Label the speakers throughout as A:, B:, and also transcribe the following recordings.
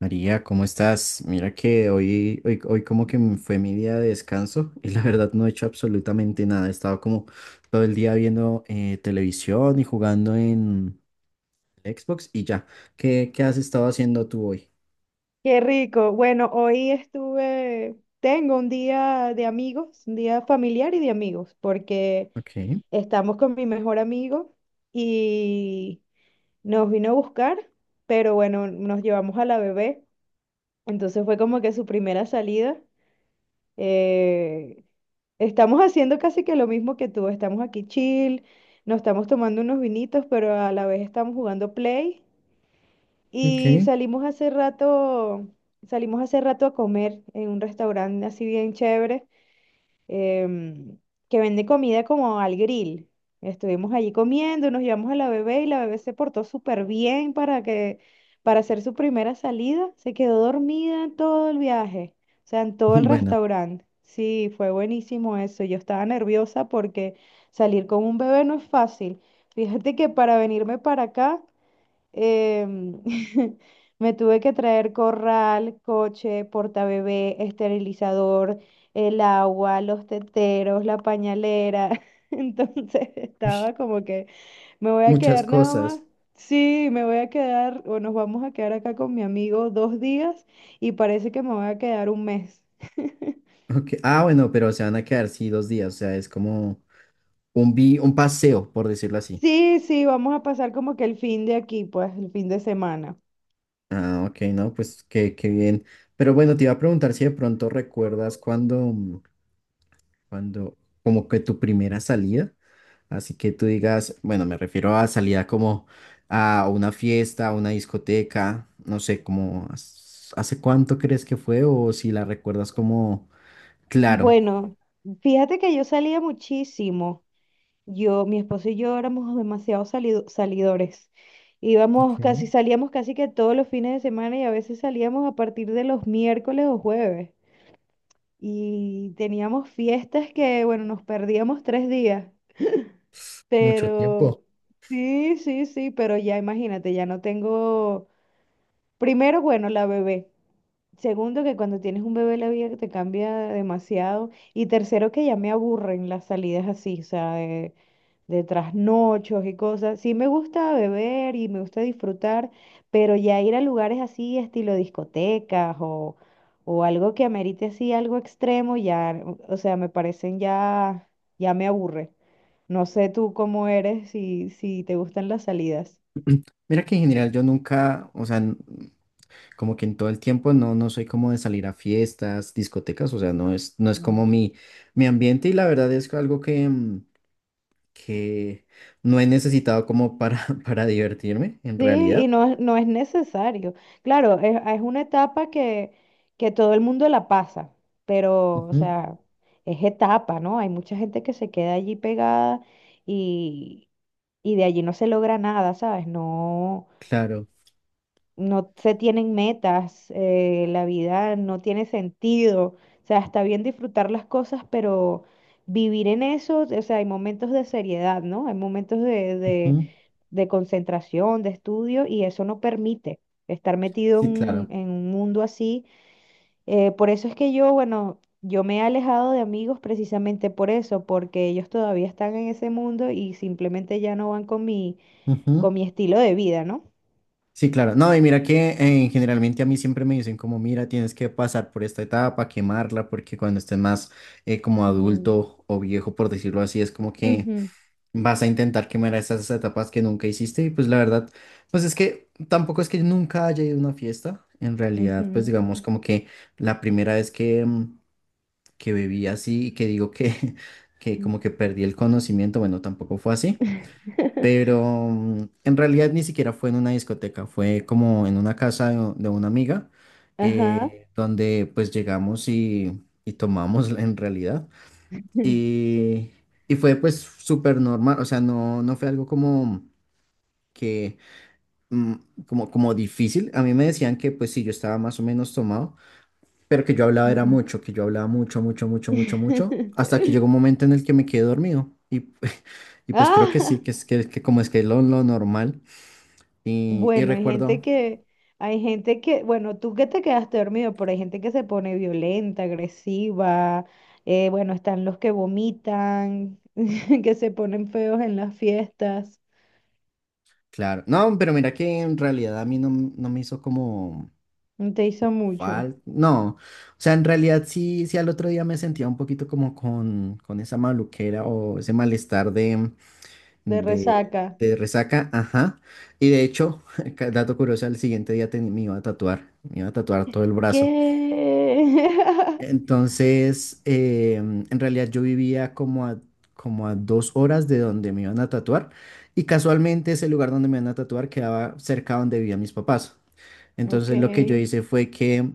A: María, ¿cómo estás? Mira que hoy como que fue mi día de descanso y la verdad no he hecho absolutamente nada. He estado como todo el día viendo televisión y jugando en Xbox y ya. ¿Qué has estado haciendo tú hoy?
B: Qué rico. Bueno, hoy estuve, tengo un día de amigos, un día familiar y de amigos, porque
A: Ok,
B: estamos con mi mejor amigo y nos vino a buscar, pero bueno, nos llevamos a la bebé, entonces fue como que su primera salida. Eh, Estamos haciendo casi que lo mismo que tú, estamos aquí chill, nos estamos tomando unos vinitos, pero a la vez estamos jugando play y
A: ok.
B: salimos hace rato a comer en un restaurante así bien chévere, em, que vende comida como al grill. Estuvimos allí comiendo, nos llevamos a la bebé y la bebé se portó súper bien para que, para hacer su primera salida. Se quedó dormida en todo el viaje, o sea, en todo el
A: Bueno,
B: restaurante. Sí, fue buenísimo eso. Yo estaba nerviosa porque salir con un bebé no es fácil. Fíjate que para venirme para acá em, me tuve que traer corral, coche, portabebé, esterilizador, el agua, los teteros, la pañalera. Entonces
A: ush,
B: estaba como que me voy a
A: muchas
B: quedar nada más.
A: cosas.
B: Sí, me voy a quedar o nos vamos a quedar acá con mi amigo dos días y parece que me voy a quedar un mes.
A: Okay. Ah, bueno, pero se van a quedar, sí, 2 días. O sea, es como un paseo, por decirlo así.
B: Sí, sí, vamos a pasar como que el fin de aquí, pues el fin de semana.
A: Ah, ok, no, pues qué bien. Pero bueno, te iba a preguntar si de pronto recuerdas cuando... Cuando, como que tu primera salida, así que tú digas, bueno, me refiero a salida como a una fiesta, a una discoteca, no sé, como hace cuánto crees que fue o si la recuerdas como, claro.
B: Bueno, fíjate que yo salía muchísimo. Yo, mi esposo y yo éramos demasiado salidores.
A: Ok,
B: Íbamos casi, salíamos casi que todos los fines de semana y a veces salíamos a partir de los miércoles o jueves. Y teníamos fiestas que, bueno, nos perdíamos tres días.
A: mucho tiempo.
B: Pero, sí, sí, sí, pero ya imagínate, ya no tengo, primero, bueno, la bebé. Segundo, que cuando tienes un bebé la vida te cambia demasiado. Y tercero, que ya me aburren las salidas así, o sea, de trasnochos y cosas. Sí me gusta beber y me gusta disfrutar, pero ya ir a lugares así, estilo discotecas o algo que amerite así algo extremo, ya, o sea, me parecen ya, ya me aburre. No sé tú cómo eres, si, si te gustan las salidas.
A: Mira que en general yo nunca, o sea, como que en todo el tiempo no soy como de salir a fiestas, discotecas, o sea, no es como mi ambiente y la verdad es algo que... que no he necesitado como para, para divertirme, en
B: Sí,
A: realidad.
B: y no, no es necesario. Claro, es una etapa que todo el mundo la pasa, pero, o
A: Ujú.
B: sea, es etapa, ¿no? Hay mucha gente que se queda allí pegada y, y de allí no se logra nada, ¿sabes? No,
A: Claro.
B: no se tienen metas, la vida no tiene sentido. O sea, está bien disfrutar las cosas, pero vivir en eso, o sea, hay momentos de seriedad, ¿no? Hay momentos de, de
A: Ujú.
B: de concentración, de estudio, y eso no permite estar metido en,
A: Sí,
B: un
A: claro.
B: en un mundo así. Por eso es que yo, bueno, yo me he alejado de amigos precisamente por eso, porque ellos todavía están en ese mundo y simplemente ya no van
A: Ujú.
B: con mi estilo de vida, ¿no?
A: Sí, claro. No, y mira que generalmente a mí siempre me dicen como, mira, tienes que pasar por esta etapa, quemarla, porque cuando estés más como
B: Mm,
A: adulto o viejo, por decirlo así, es como que
B: ujú,
A: vas a intentar quemar esas etapas que nunca hiciste. Y pues la verdad, pues es que tampoco es que nunca haya ido a una fiesta. En realidad, pues
B: ujú,
A: digamos como que la primera vez que... que bebí así y que digo que, que
B: mm.
A: como que perdí el conocimiento, bueno, tampoco fue así, pero en realidad ni siquiera fue en una discoteca, fue como en una casa de una amiga,
B: Ajá.
A: donde pues llegamos y tomamos en realidad, y, y fue pues súper normal, o sea, no, no fue algo como que... mm. Como, como difícil. A mí me decían que pues si yo estaba más o menos tomado, pero que yo hablaba era mucho, que yo hablaba mucho, mucho, mucho, mucho, mucho, hasta que llegó un momento en el que me quedé dormido. Y, y pues creo que sí,
B: Ah,
A: que es que como es que es lo normal. Y
B: Bueno,
A: recuerdo,
B: hay gente que, bueno, tú que te quedaste dormido, pero hay gente que se pone violenta, agresiva, bueno, están los que vomitan, que se ponen feos en las fiestas.
A: claro, no, pero mira que en realidad a mí no, no me hizo como
B: Te hizo mucho,
A: falta, no, o sea, en realidad sí, sí al otro día me sentía un poquito como con esa maluquera o ese malestar
B: de
A: de,
B: resaca.
A: de resaca, ajá. Y de hecho, dato curioso, al siguiente día me iba a tatuar, me iba a tatuar todo el brazo.
B: ¿Qué?
A: Entonces, en realidad yo vivía como a 2 horas de donde me iban a tatuar y casualmente ese lugar donde me iban a tatuar quedaba cerca donde vivían mis papás.
B: Ok,
A: Entonces lo que yo hice fue que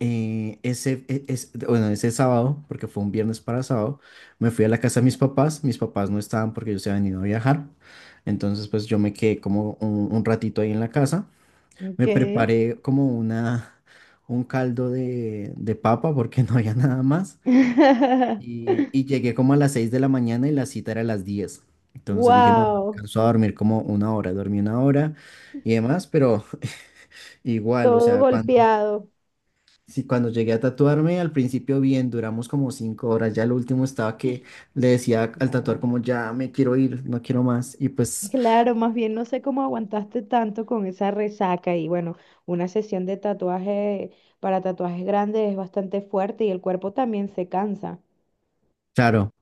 A: bueno, ese sábado, porque fue un viernes para sábado, me fui a la casa de mis papás. Mis papás no estaban porque ellos se habían ido a viajar. Entonces pues yo me quedé como un ratito ahí en la casa. Me
B: ok.
A: preparé como una, un caldo de papa porque no había nada más. Y llegué como a las 6 de la mañana y la cita era a las 10. Entonces dije, no,
B: Wow,
A: alcanzó a dormir como 1 hora. Dormí 1 hora y demás, pero igual, o
B: todo
A: sea, cuando,
B: golpeado.
A: sí, cuando llegué a tatuarme, al principio bien, duramos como 5 horas. Ya lo último estaba que le decía al tatuador
B: Claro.
A: como, ya me quiero ir, no quiero más. Y pues,
B: Claro, más bien no sé cómo aguantaste tanto con esa resaca y bueno, una sesión de tatuaje para tatuajes grandes es bastante fuerte y el cuerpo también se cansa.
A: claro.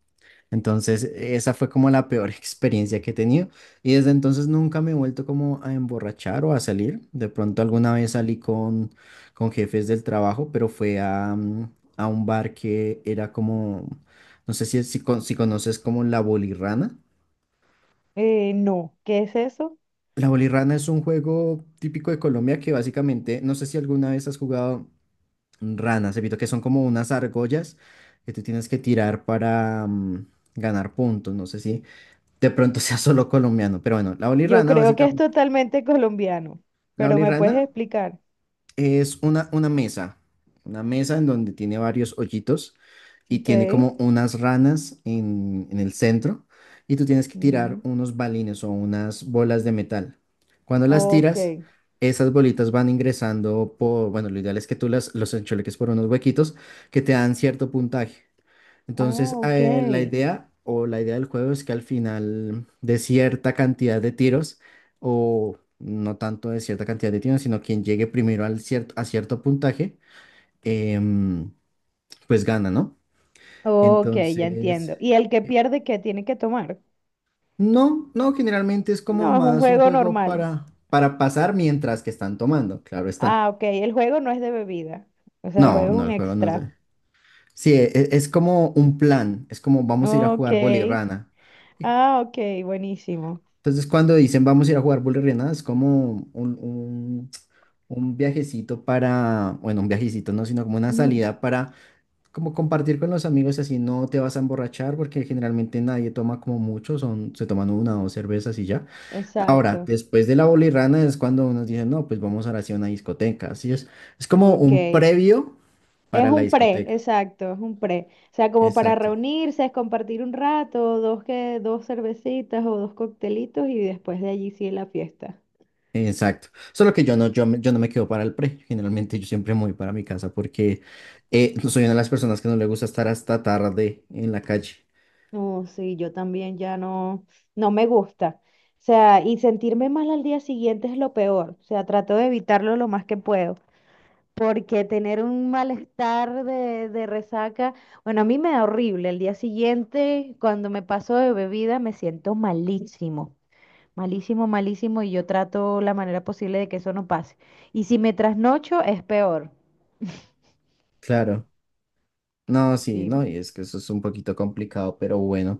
A: Entonces, esa fue como la peor experiencia que he tenido. Y desde entonces nunca me he vuelto como a emborrachar o a salir. De pronto alguna vez salí con jefes del trabajo, pero fue a, a un bar que era como, no sé si conoces como la bolirrana.
B: No, ¿qué es eso?
A: La bolirrana es un juego típico de Colombia que básicamente, no sé si alguna vez has jugado ranas, evito que son como unas argollas que tú tienes que tirar para ganar puntos. No sé si... de pronto sea solo colombiano, pero bueno, la
B: Yo
A: bolirrana
B: creo que es
A: básicamente,
B: totalmente colombiano,
A: la
B: pero ¿me puedes
A: bolirrana
B: explicar?
A: es una mesa en donde tiene varios hoyitos y
B: Ok,
A: tiene como unas ranas en el centro y tú tienes que tirar
B: mm,
A: unos balines o unas bolas de metal. Cuando las
B: ok,
A: tiras, esas bolitas van ingresando por, bueno, lo ideal es que tú las, los enchuleques por unos huequitos que te dan cierto puntaje.
B: ah,
A: Entonces,
B: ok,
A: la idea o la idea del juego es que al final de cierta cantidad de tiros, o no tanto de cierta cantidad de tiros, sino quien llegue primero al cierto, a cierto puntaje, em, pues gana, ¿no?
B: ok, ya
A: Entonces,
B: entiendo. ¿Y el que
A: eh,
B: pierde qué tiene que tomar?
A: no, no, generalmente es como
B: No, es un
A: más un
B: juego
A: juego
B: normal.
A: para pasar mientras que están tomando, claro está.
B: Ah, ok, el juego no es de bebida, o sea, el
A: No,
B: juego es
A: no,
B: un
A: el juego no es
B: extra.
A: de... Sí, es, como un plan, es como vamos a ir a
B: Ok.
A: jugar bolirrana.
B: Ah, ok, buenísimo.
A: Entonces, cuando dicen vamos a ir a jugar Bully es como un viajecito para, bueno, un viajecito no, sino como una
B: Ujú,
A: salida para como compartir con los amigos, así no te vas a emborrachar, porque generalmente nadie toma como mucho, son, se toman una o dos cervezas y ya. Ahora,
B: exacto.
A: después de la bolirrana es cuando nos dicen, no, pues vamos ahora sí a una discoteca. Así es como un
B: Ok.
A: previo
B: Es
A: para la
B: un pre,
A: discoteca.
B: exacto, es un pre. O sea, como para
A: Exacto.
B: reunirse, es compartir un rato, dos que, dos cervecitas o dos coctelitos y después de allí sí la fiesta.
A: Exacto. Solo que yo no, yo no me quedo para el pre. Generalmente yo siempre me voy para mi casa porque no soy una de las personas que no le gusta estar hasta tarde en la calle.
B: No, sí, yo también ya no, no me gusta. O sea, y sentirme mal al día siguiente es lo peor. O sea, trato de evitarlo lo más que puedo. Porque tener un malestar de resaca, bueno, a mí me da horrible. El día siguiente, cuando me paso de bebida, me siento malísimo, malísimo, malísimo, y yo trato la manera posible de que eso no pase. Y si me trasnocho, es peor.
A: Claro. No, sí, no,
B: Sí.
A: y es que eso es un poquito complicado, pero bueno.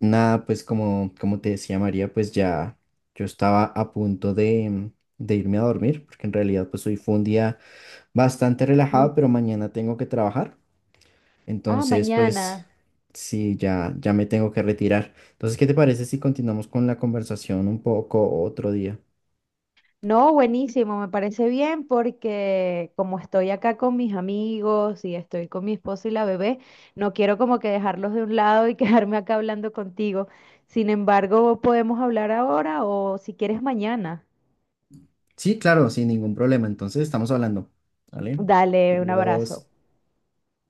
A: Nada, pues como, como te decía María, pues ya yo estaba a punto de irme a dormir, porque en realidad pues hoy fue un día bastante relajado,
B: Un-
A: pero mañana tengo que trabajar.
B: ah,
A: Entonces,
B: mañana.
A: pues sí, ya, ya me tengo que retirar. Entonces, ¿qué te parece si continuamos con la conversación un poco otro día?
B: No, buenísimo, me parece bien porque como estoy acá con mis amigos y estoy con mi esposo y la bebé, no quiero como que dejarlos de un lado y quedarme acá hablando contigo. Sin embargo, podemos hablar ahora o si quieres mañana.
A: Sí, claro, sin ningún problema. Entonces, estamos hablando. ¿Vale?
B: Dale, un abrazo.
A: Adiós.